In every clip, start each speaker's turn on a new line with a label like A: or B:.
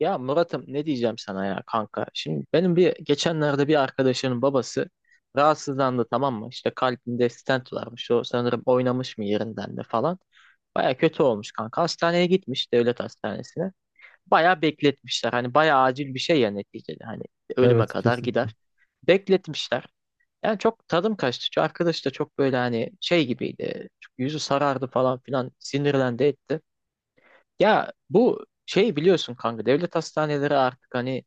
A: Ya Murat'ım ne diyeceğim sana ya kanka. Şimdi benim bir geçenlerde bir arkadaşının babası rahatsızlandı, tamam mı? İşte kalbinde stent varmış. O sanırım oynamış mı yerinden de falan. Baya kötü olmuş kanka. Hastaneye gitmiş, devlet hastanesine. Baya bekletmişler. Hani baya acil bir şey ya neticede. Hani ölüme
B: Evet,
A: kadar
B: kesinlikle.
A: gider. Bekletmişler. Yani çok tadım kaçtı. Şu arkadaş da çok böyle hani şey gibiydi. Çok yüzü sarardı falan filan. Sinirlendi etti. Ya bu şey biliyorsun kanka, devlet hastaneleri artık hani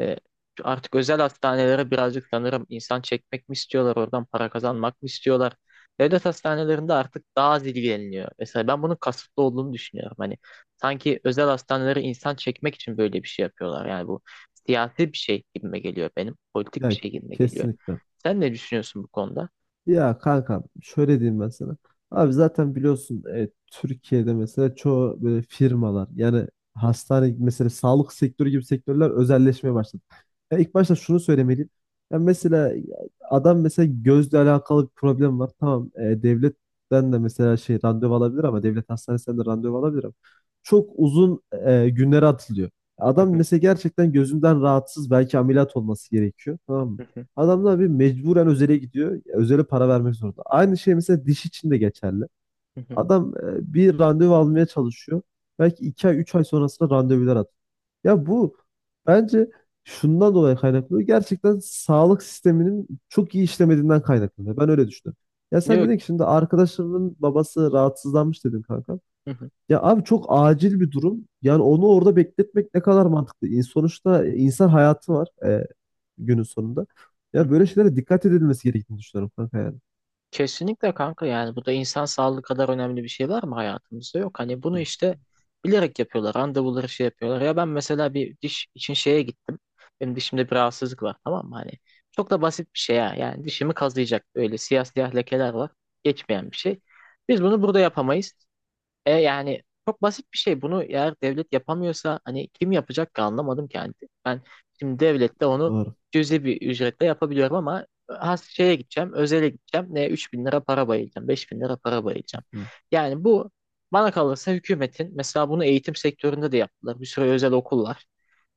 A: e, artık özel hastanelere birazcık sanırım insan çekmek mi istiyorlar, oradan para kazanmak mı istiyorlar. Devlet hastanelerinde artık daha az ilgileniliyor. Mesela ben bunun kasıtlı olduğunu düşünüyorum. Hani sanki özel hastaneleri insan çekmek için böyle bir şey yapıyorlar. Yani bu siyasi bir şey gibime geliyor benim. Politik bir
B: Ya,
A: şey gibime geliyor.
B: kesinlikle.
A: Sen ne düşünüyorsun bu konuda?
B: Ya kanka, şöyle diyeyim ben sana. Abi zaten biliyorsun, Türkiye'de mesela çoğu böyle firmalar, yani hastane mesela, sağlık sektörü gibi sektörler özelleşmeye başladı. Ya ilk başta şunu söylemeliyim. Ya mesela adam, mesela gözle alakalı bir problem var. Tamam, devletten de mesela şey randevu alabilir ama devlet hastanesinden de randevu alabilir ama çok uzun günlere atılıyor.
A: Hı
B: Adam
A: hı,
B: mesela gerçekten gözünden rahatsız, belki ameliyat olması gerekiyor. Tamam mı?
A: hı hı,
B: Adamlar bir mecburen özele gidiyor. Özele para vermek zorunda. Aynı şey mesela diş için de geçerli.
A: hı hı.
B: Adam bir randevu almaya çalışıyor. Belki 2 ay, 3 ay sonrasında randevular atıyor. Ya bu bence şundan dolayı kaynaklanıyor. Gerçekten sağlık sisteminin çok iyi işlemediğinden kaynaklanıyor. Ben öyle düşünüyorum. Ya sen
A: Yok.
B: dedin ki şimdi arkadaşlarının babası rahatsızlanmış dedin kanka.
A: Hı hı.
B: Ya abi, çok acil bir durum. Yani onu orada bekletmek ne kadar mantıklı? Sonuçta insan hayatı var, günün sonunda. Ya böyle şeylere dikkat edilmesi gerektiğini düşünüyorum kanka, yani.
A: Kesinlikle kanka, yani bu da, insan sağlığı kadar önemli bir şey var mı hayatımızda? Yok, hani bunu işte bilerek yapıyorlar. Randevuları şey yapıyorlar. Ya ben mesela bir diş için şeye gittim. Benim dişimde bir rahatsızlık var, tamam mı? Hani çok da basit bir şey ya. Yani dişimi kazıyacak, böyle siyah siyah lekeler var. Geçmeyen bir şey. Biz bunu burada yapamayız. E yani çok basit bir şey. Bunu eğer devlet yapamıyorsa hani kim yapacak ki, anlamadım kendi. Ben şimdi devlette onu
B: Doğru.
A: cüzi bir ücretle yapabiliyorum, ama has şeye gideceğim, özele gideceğim. Ne 3.000 TL para bayılacağım, 5.000 TL para bayılacağım.
B: Hı.
A: Yani bu, bana kalırsa hükümetin, mesela bunu eğitim sektöründe de yaptılar. Bir sürü özel okul var.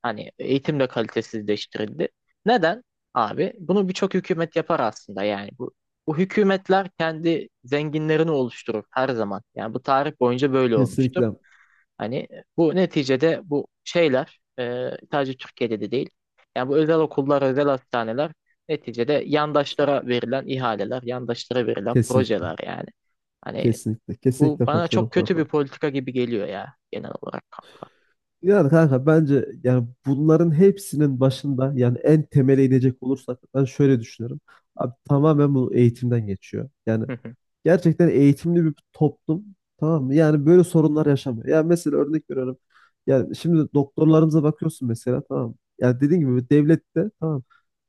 A: Hani eğitim de kalitesizleştirildi. Neden? Abi bunu birçok hükümet yapar aslında yani. Bu hükümetler kendi zenginlerini oluşturur her zaman. Yani bu tarih boyunca böyle olmuştur.
B: Kesinlikle.
A: Hani bu neticede bu şeyler sadece Türkiye'de de değil. Yani bu özel okullar, özel hastaneler neticede yandaşlara verilen ihaleler, yandaşlara verilen
B: Kesinlikle.
A: projeler yani. Hani
B: Kesinlikle.
A: bu
B: Kesinlikle
A: bana
B: katılıyorum
A: çok kötü
B: kanka.
A: bir politika gibi geliyor ya, genel olarak kanka.
B: Yani kanka, bence yani bunların hepsinin başında, yani en temele inecek olursak ben şöyle düşünüyorum. Abi, tamamen bu eğitimden geçiyor. Yani
A: Hı hı.
B: gerçekten eğitimli bir toplum, tamam mı? Yani böyle sorunlar yaşamıyor. Yani mesela örnek veriyorum. Yani şimdi doktorlarımıza bakıyorsun mesela, tamam mı? Yani dediğim gibi devlette, tamam mı?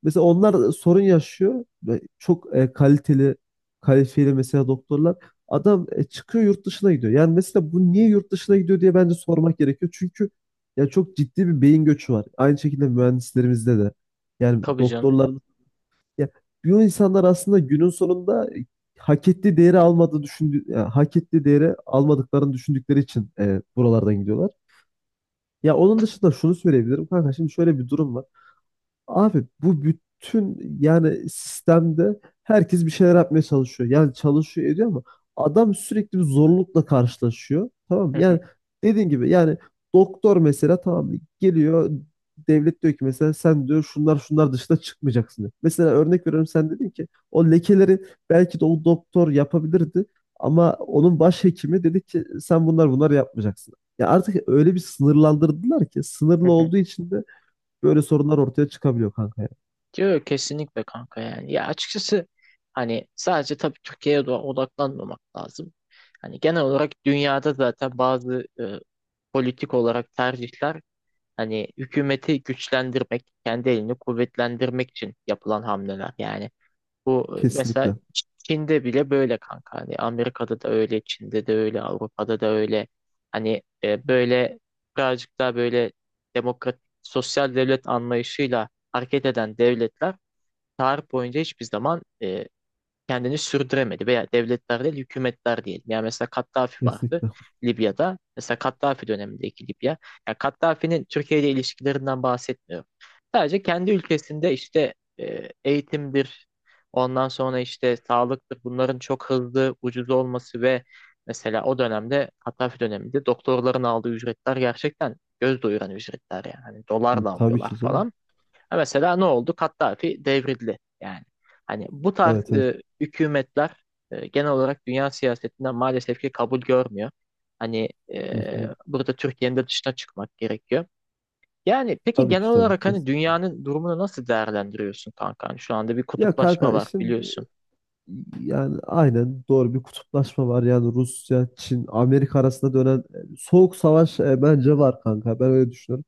B: Mesela onlar sorun yaşıyor ve çok kaliteli, kalifiyeli mesela doktorlar. Adam çıkıyor, yurt dışına gidiyor. Yani mesela bu niye yurt dışına gidiyor diye bence sormak gerekiyor. Çünkü ya çok ciddi bir beyin göçü var. Aynı şekilde mühendislerimizde de. Yani
A: Tabii canım.
B: doktorlar ya, bu insanlar aslında günün sonunda, hak ettiği değeri almadığı düşündü, yani hak ettiği değeri almadıklarını düşündükleri için buralardan gidiyorlar. Ya onun dışında şunu söyleyebilirim kanka, şimdi şöyle bir durum var. Abi bu bütün, yani sistemde herkes bir şeyler yapmaya çalışıyor. Yani çalışıyor, ediyor ama adam sürekli bir zorlukla karşılaşıyor. Tamam mı?
A: Hı
B: Yani dediğin gibi, yani doktor mesela, tamam mı? Geliyor, devlet diyor ki mesela, sen diyor şunlar şunlar dışında çıkmayacaksın diyor. Mesela örnek veriyorum, sen dedin ki o lekeleri belki de o doktor yapabilirdi ama onun başhekimi dedi ki sen bunlar bunlar yapmayacaksın. Ya artık öyle bir sınırlandırdılar ki, sınırlı
A: hı.
B: olduğu için de böyle sorunlar ortaya çıkabiliyor kanka, ya.
A: Diyor kesinlikle kanka yani. Ya açıkçası hani sadece tabii Türkiye'ye de odaklanmamak lazım. Hani genel olarak dünyada zaten bazı politik olarak tercihler, hani hükümeti güçlendirmek, kendi elini kuvvetlendirmek için yapılan hamleler. Yani bu mesela
B: Kesinlikle.
A: Çin'de bile böyle kanka. Hani Amerika'da da öyle, Çin'de de öyle, Avrupa'da da öyle. Hani böyle birazcık daha böyle demokratik sosyal devlet anlayışıyla hareket eden devletler tarih boyunca hiçbir zaman kendini sürdüremedi, veya devletler değil hükümetler diyelim. Yani mesela Kaddafi vardı
B: Kesinlikle.
A: Libya'da. Mesela Kaddafi dönemindeki Libya. Yani Kaddafi'nin Türkiye ile ilişkilerinden bahsetmiyorum. Sadece kendi ülkesinde işte eğitimdir, ondan sonra işte sağlıktır. Bunların çok hızlı, ucuz olması ve mesela o dönemde, Kaddafi döneminde doktorların aldığı ücretler gerçekten göz doyuran ücretler yani. Hani dolarla
B: Tabii
A: alıyorlar
B: ki, canım.
A: falan. Ha, mesela ne oldu? Kaddafi devrildi. Yani hani bu tarz
B: Evet, evet.
A: hükümetler genel olarak dünya siyasetinden maalesef ki kabul görmüyor. Hani
B: Hı hı.
A: burada Türkiye'nin de dışına çıkmak gerekiyor. Yani peki,
B: Tabii
A: genel
B: ki, tabii,
A: olarak hani
B: kesin.
A: dünyanın durumunu nasıl değerlendiriyorsun kanka? Hani şu anda bir
B: Ya
A: kutuplaşma
B: kanka,
A: var
B: şimdi
A: biliyorsun.
B: yani aynen doğru, bir kutuplaşma var. Yani Rusya, Çin, Amerika arasında dönen soğuk savaş bence var kanka. Ben öyle düşünüyorum.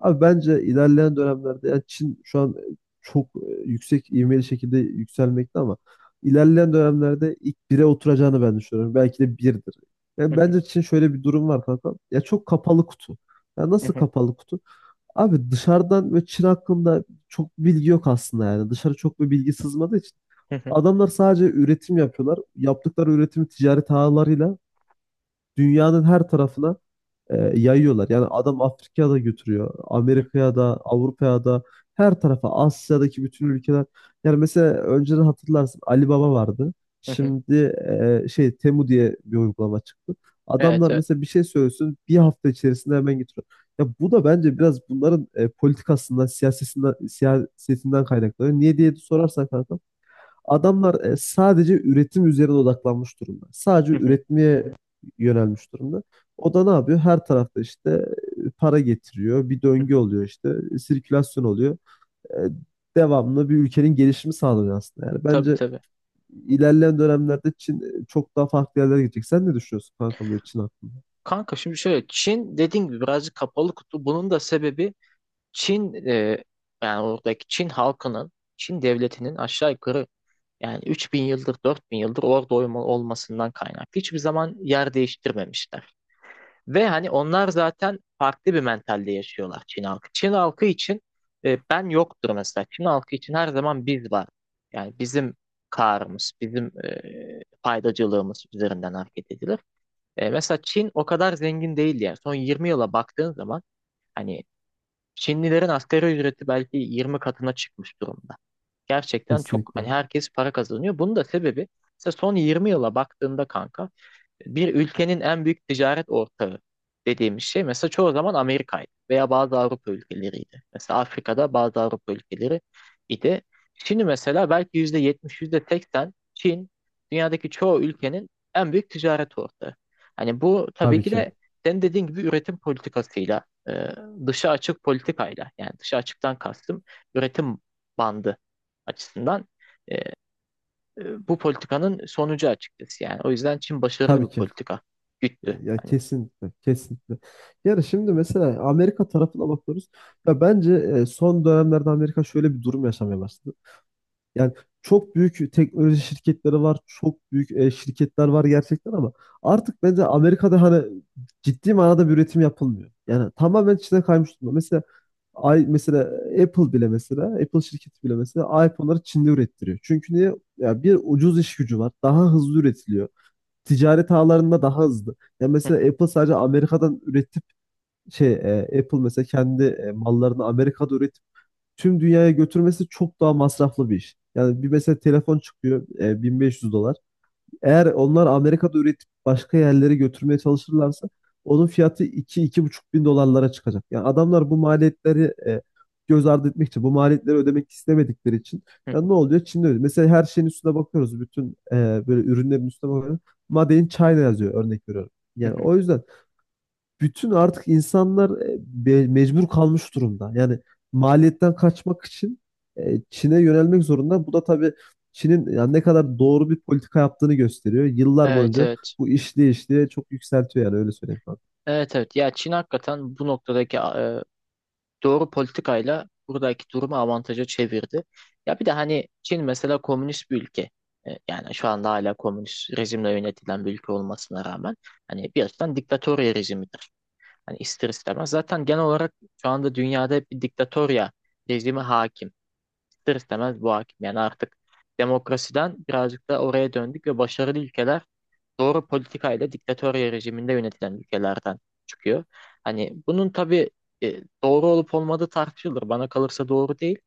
B: Abi bence ilerleyen dönemlerde yani Çin şu an çok yüksek ivmeli şekilde yükselmekte ama ilerleyen dönemlerde ilk bire oturacağını ben düşünüyorum. Belki de birdir.
A: Hı
B: Yani
A: hı,
B: bence Çin, şöyle bir durum var kanka. Ya çok kapalı kutu. Ya
A: hı
B: nasıl
A: hı,
B: kapalı kutu? Abi dışarıdan ve Çin hakkında çok bilgi yok aslında, yani. Dışarı çok bir bilgi sızmadığı için
A: hı hı,
B: adamlar sadece üretim yapıyorlar. Yaptıkları üretimi ticaret ağlarıyla dünyanın her tarafına yayıyorlar. Yani adam Afrika'ya da götürüyor. Amerika'ya da, Avrupa'ya da, her tarafa, Asya'daki bütün ülkeler. Yani mesela önceden hatırlarsın, Ali Baba vardı.
A: hı hı.
B: Şimdi şey Temu diye bir uygulama çıktı.
A: Evet,
B: Adamlar
A: evet.
B: mesela bir şey söylesin, bir hafta içerisinde hemen getiriyor. Ya bu da bence biraz bunların politikasından, siyasetinden kaynaklanıyor. Niye diye sorarsan kanka, adamlar sadece üretim üzerine odaklanmış durumda. Sadece
A: Hı hı,
B: üretmeye yönelmiş durumda. O da ne yapıyor? Her tarafta işte para getiriyor. Bir
A: hı
B: döngü
A: hı.
B: oluyor işte. Sirkülasyon oluyor. E, Devamlı bir ülkenin gelişimi sağlanıyor aslında. Yani
A: Tabii,
B: bence
A: tabii.
B: ilerleyen dönemlerde Çin çok daha farklı yerlere gidecek. Sen ne düşünüyorsun kanka, böyle Çin hakkında?
A: Kanka şimdi şöyle, Çin dediğim gibi birazcık kapalı kutu. Bunun da sebebi Çin yani oradaki Çin halkının, Çin devletinin aşağı yukarı yani 3000 yıldır 4000 yıldır orada olmasından kaynaklı. Hiçbir zaman yer değiştirmemişler. Ve hani onlar zaten farklı bir mentalde yaşıyorlar, Çin halkı. Çin halkı için ben yoktur mesela. Çin halkı için her zaman biz var. Yani bizim karımız, bizim faydacılığımız üzerinden hareket edilir. E, mesela Çin o kadar zengin değil yani. Son 20 yıla baktığın zaman, hani Çinlilerin asgari ücreti belki 20 katına çıkmış durumda. Gerçekten çok, hani
B: Kesinlikle.
A: herkes para kazanıyor. Bunun da sebebi işte son 20 yıla baktığında kanka, bir ülkenin en büyük ticaret ortağı dediğimiz şey mesela çoğu zaman Amerika'ydı veya bazı Avrupa ülkeleriydi. Mesela Afrika'da bazı Avrupa ülkeleri idi. Şimdi mesela belki %70, yüzde %80 Çin dünyadaki çoğu ülkenin en büyük ticaret ortağı. Hani bu tabii
B: Tabii
A: ki
B: ki.
A: de senin dediğin gibi üretim politikasıyla, e, dışa açık politikayla, yani dışa açıktan kastım üretim bandı açısından e, bu politikanın sonucu açıkçası yani. O yüzden Çin başarılı bir
B: Tabii ki.
A: politika
B: Ya,
A: güttü.
B: ya,
A: Hani.
B: kesinlikle, kesinlikle. Yani şimdi mesela Amerika tarafına bakıyoruz. Ya bence son dönemlerde Amerika şöyle bir durum yaşamaya başladı. Yani çok büyük teknoloji şirketleri var, çok büyük şirketler var gerçekten ama artık bence Amerika'da hani ciddi manada bir üretim yapılmıyor. Yani tamamen Çin'e kaymış durumda. Mesela ay, mesela Apple bile, mesela Apple şirketi bile mesela iPhone'ları Çin'de ürettiriyor. Çünkü niye? Ya bir ucuz iş gücü var. Daha hızlı üretiliyor, ticaret ağlarında daha hızlı. Ya
A: Hı
B: mesela Apple sadece Amerika'dan üretip şey, Apple mesela kendi mallarını Amerika'da üretip tüm dünyaya götürmesi çok daha masraflı bir iş. Yani bir mesela telefon çıkıyor, 1500 dolar. Eğer onlar Amerika'da üretip başka yerlere götürmeye çalışırlarsa onun fiyatı iki, iki buçuk bin dolarlara çıkacak. Yani adamlar bu maliyetleri e, göz ardı etmek için, bu maliyetleri ödemek istemedikleri için
A: hı,
B: yani ne oluyor? Çin'de öyle. Mesela her şeyin üstüne bakıyoruz. Bütün böyle ürünlerin üstüne bakıyoruz. Made in China yazıyor, örnek veriyorum.
A: hı
B: Yani
A: hı.
B: o yüzden bütün artık insanlar mecbur kalmış durumda. Yani maliyetten kaçmak için Çin'e yönelmek zorunda. Bu da tabii Çin'in yani ne kadar doğru bir politika yaptığını gösteriyor. Yıllar
A: Evet,
B: boyunca
A: evet.
B: bu işliye işliye çok yükseltiyor yani, öyle söyleyeyim kanka.
A: Evet, evet. Ya Çin hakikaten bu noktadaki doğru politikayla buradaki durumu avantaja çevirdi. Ya bir de hani Çin mesela komünist bir ülke. E, yani şu anda hala komünist rejimle yönetilen bir ülke olmasına rağmen hani bir açıdan diktatorya rejimidir. Hani ister istemez. Zaten genel olarak şu anda dünyada hep bir diktatorya rejimi hakim. İster istemez bu hakim. Yani artık demokrasiden birazcık da oraya döndük ve başarılı ülkeler doğru politikayla diktatörya rejiminde yönetilen ülkelerden çıkıyor. Hani bunun tabii doğru olup olmadığı tartışılır. Bana kalırsa doğru değil.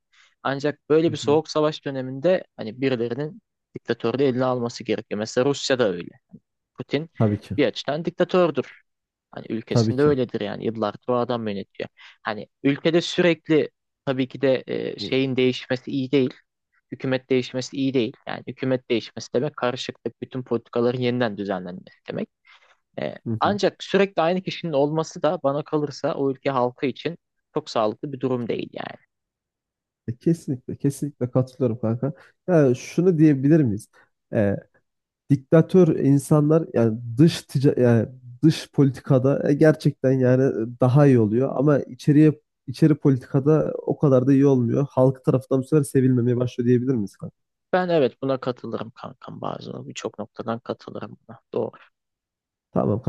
A: Ancak böyle
B: Hı
A: bir
B: hı.
A: soğuk savaş döneminde hani birilerinin diktatörlüğü eline alması gerekiyor. Mesela Rusya da öyle. Putin
B: Tabii ki.
A: bir açıdan diktatördür. Hani
B: Tabii
A: ülkesinde
B: ki.
A: öyledir, yani yıllardır o adam yönetiyor. Hani ülkede sürekli, tabii ki de
B: Hı
A: şeyin değişmesi iyi değil. Hükümet değişmesi iyi değil. Yani hükümet değişmesi demek karışıklık, bütün politikaların yeniden düzenlenmesi demek. E,
B: hı. Hı.
A: ancak sürekli aynı kişinin olması da bana kalırsa o ülke halkı için çok sağlıklı bir durum değil yani.
B: Kesinlikle, kesinlikle katılıyorum kanka. Yani şunu diyebilir miyiz? E, diktatör insanlar, yani dış tica yani dış politikada gerçekten, yani daha iyi oluyor ama içeri politikada o kadar da iyi olmuyor. Halk tarafından bu sefer sevilmemeye başlıyor diyebilir miyiz kanka?
A: Ben evet buna katılırım kankam, bazı birçok noktadan katılırım buna. Doğru.
B: Tamam.